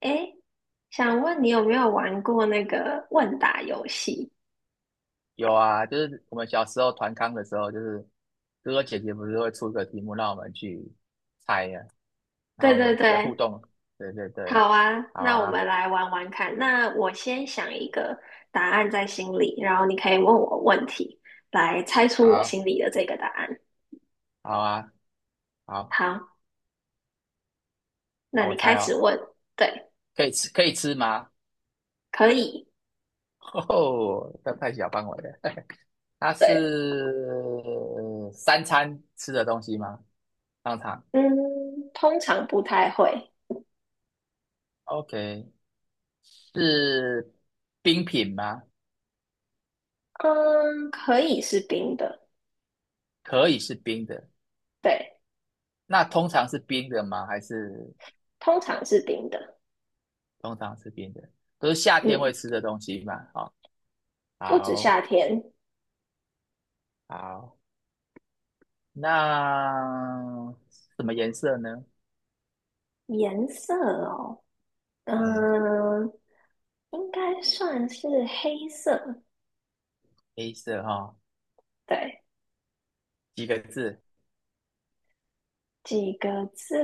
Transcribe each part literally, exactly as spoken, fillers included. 诶，想问你有没有玩过那个问答游戏？有啊，就是我们小时候团康的时候，就是哥哥姐姐不是会出一个题目让我们去猜呀、然对后我对们来互对，动。对对对，好啊，好那我啊，们来玩玩看。那我先想一个答案在心里，然后你可以问我问题，来猜出我好，心里的这个答案。好啊，好，好，那好，我你开猜始哦，问。对，可以吃，可以吃吗？可以。哦，这太小范围了。它对，是三餐吃的东西吗？当场嗯，通常不太会。，OK,是冰品吗？嗯，可以是冰的。可以是冰的，对，那通常是冰的吗？还是？通常是冰的。通常吃冰的，都是夏天会嗯，吃的东西嘛。好，不止好，夏天。好，那什么颜色呢？颜色哦，嗯，哎，应该算是黑色，黑色哈、对，几个字？几个字，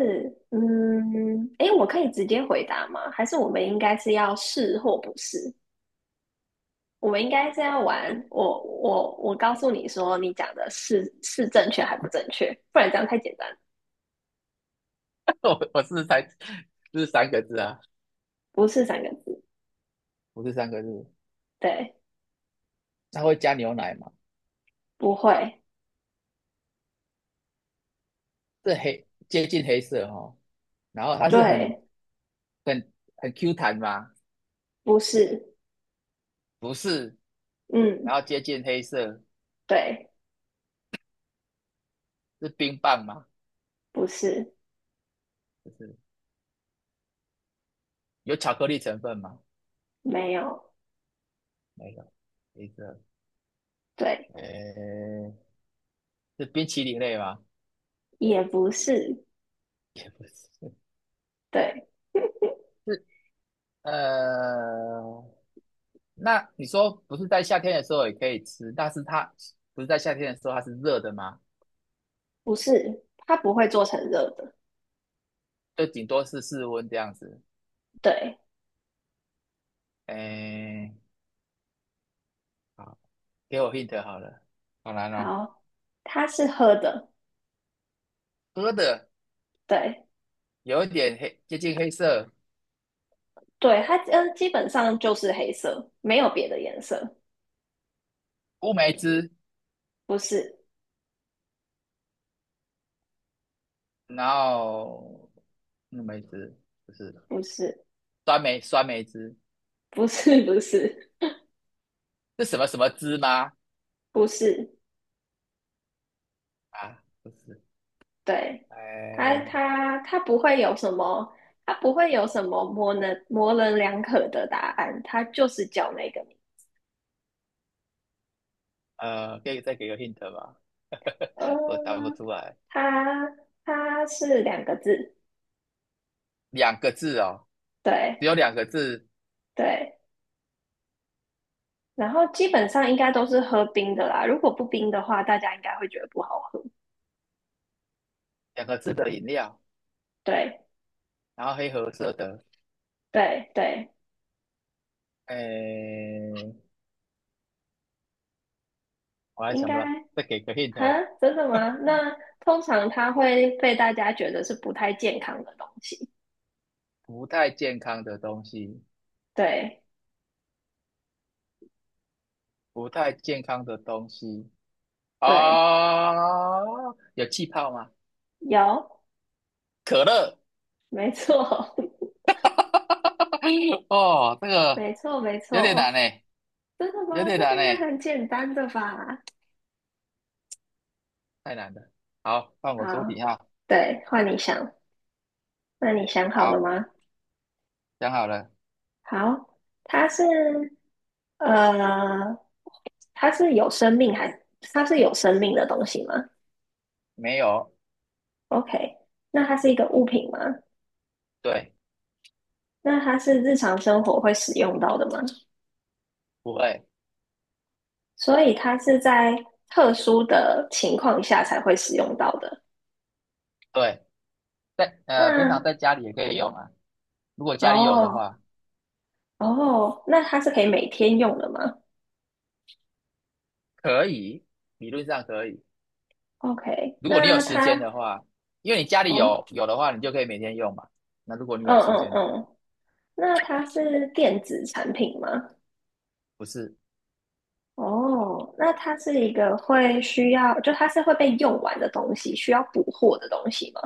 嗯，诶，我可以直接回答吗？还是我们应该是要是或不是？我们应该是要玩，我我我告诉你说，你讲的是是正确还不正确，不然这样太简单。我我是才是三个字啊，不是三个字，不是三个字。对，它会加牛奶嘛？不会，这黑接近黑色哈、然后它是很对，很很 Q 弹吗？不是，不是，嗯，然后接近黑色对，是冰棒吗？不是，不是，有巧克力成分吗？没有，没有，黑色，对，诶，是冰淇淋类吗？也不是，是对，呃，那你说不是在夏天的时候也可以吃，但是它不是在夏天的时候它是热的吗？不是，它不会做成热的，就顶多是室温这样子。对。哎，好，给我 hint 好了，好难哦。好，它是喝的，喝的对有一点黑，接近黑色，对，它嗯基本上就是黑色，没有别的颜色，乌梅汁，不是然后乌梅汁不是不是酸梅酸梅汁，不是 不是是什么什么汁吗？不是，啊，不是，对，它哎，它它不会有什么，它不会有什么模棱模棱两可的答案，它就是叫那个名呃，可以再给个 hint 吧，我答不嗯、出来。它它是两个字，两个字哦，只对有两个字，对，然后基本上应该都是喝冰的啦，如果不冰的话，大家应该会觉得不好喝，两个字的饮料，对。然后黑褐色的，对对哎，我还应想不该到，再给个 hint,啊，真的吗？那通常它会被大家觉得是不太健康的东西。不太健康的东西，对不太健康的东西对，哦，有气泡吗？有，可乐，没错，哦，这 个没错，没有点难错。诶，真的有吗？点这个难应该诶，很简单的吧？太难了。好，放好，我出底下。对，换你想。那你想好了好，吗？想好了好，它是呃，它是有生命还它是有生命的东西吗没有？？OK,那它是一个物品吗？对，那它是日常生活会使用到的吗？不会，所以它是在特殊的情况下才会使用到的。对，在呃，平常那在家里也可以用啊。如果家里有的哦话，哦，那它是可以每天用的吗可以，理论上可以。？OK,如果你有那时间它的话，因为你家里哦，有有的话，你就可以每天用嘛。那如果你有嗯时嗯间的话，嗯，那它是电子产品吗？不是，哦，那它是一个会需要，就它是会被用完的东西，需要补货的东西吗？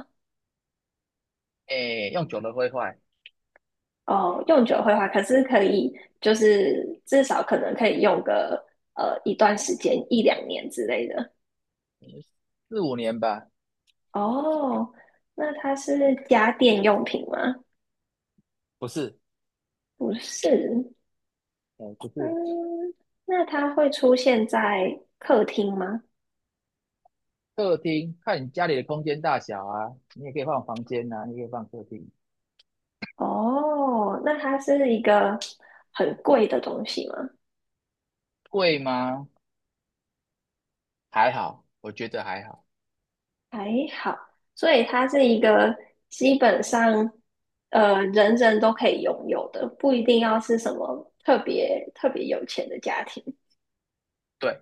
哎，用久了会坏，哦，用久会坏，可是可以，就是至少可能可以用个呃一段时间，一两年之类的。四五年吧，哦，那它是家电用品吗？不是，不是，哎，不是。嗯，那它会出现在客厅吗？客厅看你家里的空间大小啊，你也可以放房间啊，你也可以放客厅。哦，那它是一个很贵的东西吗？贵吗？还好，我觉得还好，还好，所以它是一个基本上呃人人都可以拥有的，不一定要是什么特别特别有钱的家庭。对，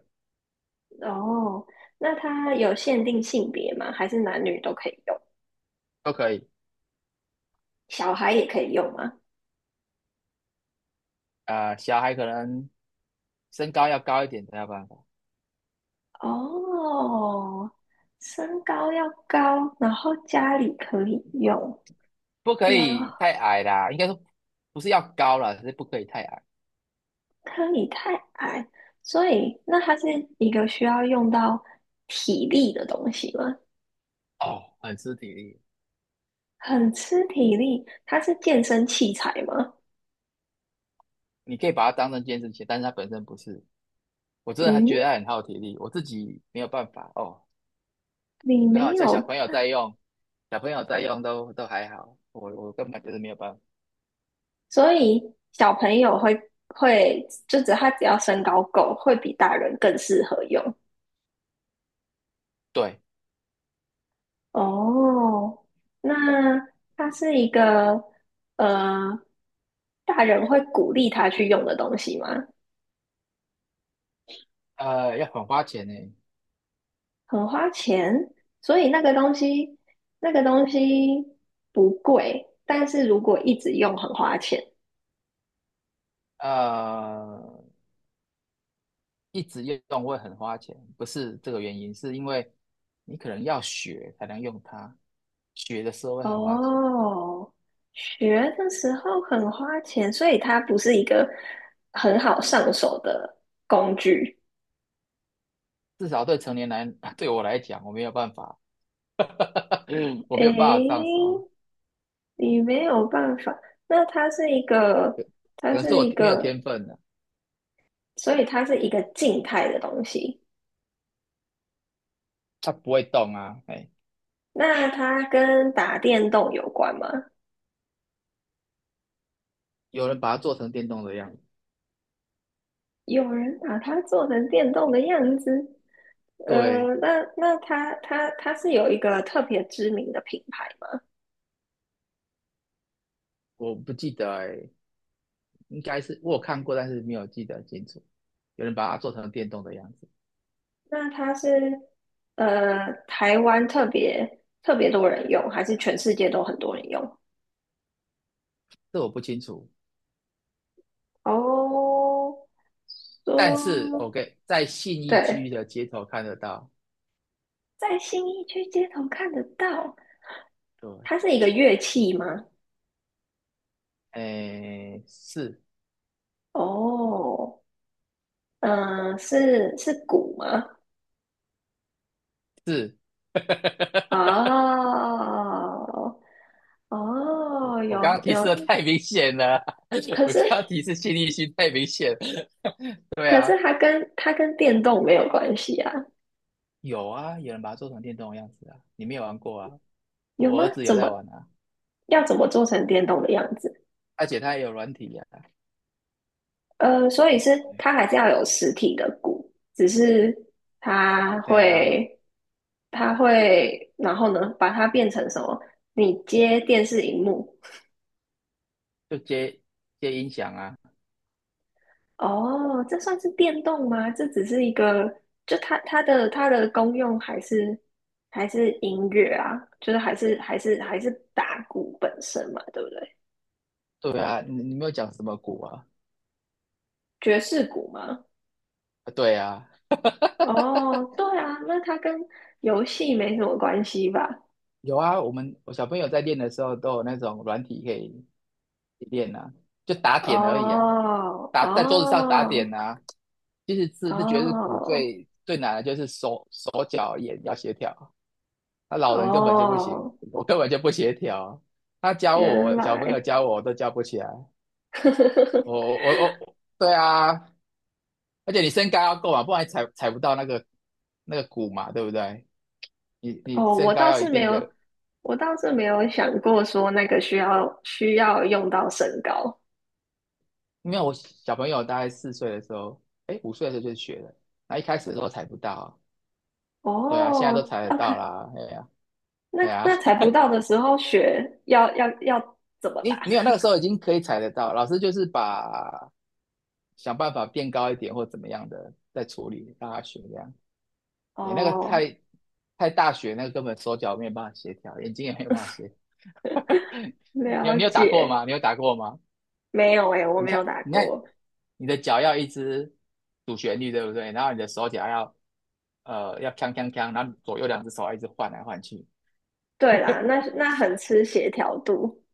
哦，那它有限定性别吗？还是男女都可以用？都可以。小孩也可以用吗？啊、小孩可能身高要高一点才有办法，哦，身高要高，然后家里可以用，不可然以后太矮啦，应该说不是要高啦，只是不可以太矮。可以太矮，所以那它是一个需要用到体力的东西吗？哦，很吃体力，很吃体力，它是健身器材吗？你可以把它当成健身鞋，但是它本身不是。我真的还嗯，觉得它很耗体力，我自己没有办法哦。你然没好家小有，朋友在用，小朋友在用都都还好，我我根本就是没有办法。所以小朋友会会，就只他只要身高够，会比大人更适合用。对，哦，那它是一个呃大人会鼓励他去用的东西吗？呃，要很花钱呢，很花钱，所以那个东西，那个东西不贵，但是如果一直用很花钱。呃，一直用会很花钱，不是这个原因，是因为你可能要学才能用它，学的时候会很花钱，哦，学的时候很花钱，所以它不是一个很好上手的工具。至少对成年男，对我来讲，我没有办法，我没有办法上诶，手。你没有办法，那它是一个，它可能是是我一没有个，天分的，啊所以它是一个静态的东西。它不会动啊。哎，那它跟打电动有关吗？有人把它做成电动的样子，有人把它做成电动的样子，对，呃，那那它它它是有一个特别知名的品牌吗？我不记得哎，欸应该是我有看过，但是没有记得清楚。有人把它做成电动的样子，那它是呃台湾特别特别多人用，还是全世界都很多人用？这我不清楚。哦，但是 说 OK,在信义区对，的街头看得到，在新义区街头看得到，对，它是一个乐器吗？哎，是哦，嗯、呃是是鼓吗？是，哦我哦，我有刚刚提示的有太明显了，可我是刚刚提示信义区太明显了，对可是啊，它跟它跟电动没有关系啊，有啊，有人把它做成电动的样子啊，你没有玩过啊？有我吗？儿子有怎在么玩啊，要怎么做成电动的样子？而且他也有软体呀、啊，呃，所以是它还是要有实体的鼓，只是它对啊，会它会，然后呢，把它变成什么？你接电视荧幕。就接接音响啊，哦，这算是电动吗？这只是一个，就它它的它的功用还是还是音乐啊，就是还是还是还是打鼓本身嘛，对不对？对啊，你你没有讲什么鼓啊？爵士鼓吗？啊对啊，哦，对啊，那它跟游戏没什么关系吧？有啊，我们我小朋友在练的时候都有那种软体可以练啊，就打点而已啊，哦打在桌子上打哦点啊。其实是是觉得是鼓哦最最难的就是手手脚眼要协调，那老人根本就不行，哦，我根本就不协调，他教原我小朋友来教我我都教不起来，我我我，对啊，而且你身高要够嘛，不然踩踩不到那个那个鼓嘛，对不对？你你哦，身我高倒要一是没定有，的，我倒是没有想过说那个需要需要用到身高。因为我小朋友大概四岁的时候，哎，五岁的时候就学了，那一开始的时候踩不到啊对啊，现在哦都踩得，OK,到啦，哎呀、那哎呀、那踩 不到的时候学要要要怎么打？你没有那个时候已经可以踩得到，老师就是把想办法变高一点或怎么样的再处理让他学这样，哎，那个哦，太太大学那个根本手脚没有办法协调，眼睛也没有办法协调，你有了你有打过解，吗？你有打过吗？没有诶，我你没有看，打你看，过。你的脚要一直主旋律，对不对？然后你的手脚要呃要锵锵锵，然后左右两只手要一直换来换去，对啦，那那很吃协调度。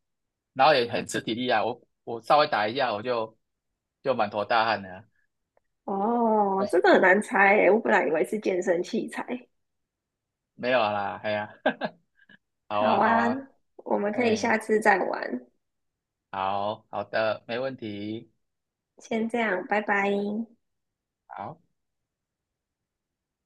然后也很吃体力啊。我我稍微打一下，我就就满头大汗了。哦，这哎，个很难猜诶，我本来以为是健身器材。没有啦，哎呀，好好啊，好啊，啊，我们可以哎，下次再玩，好好的，没问题，先这样，拜拜。好。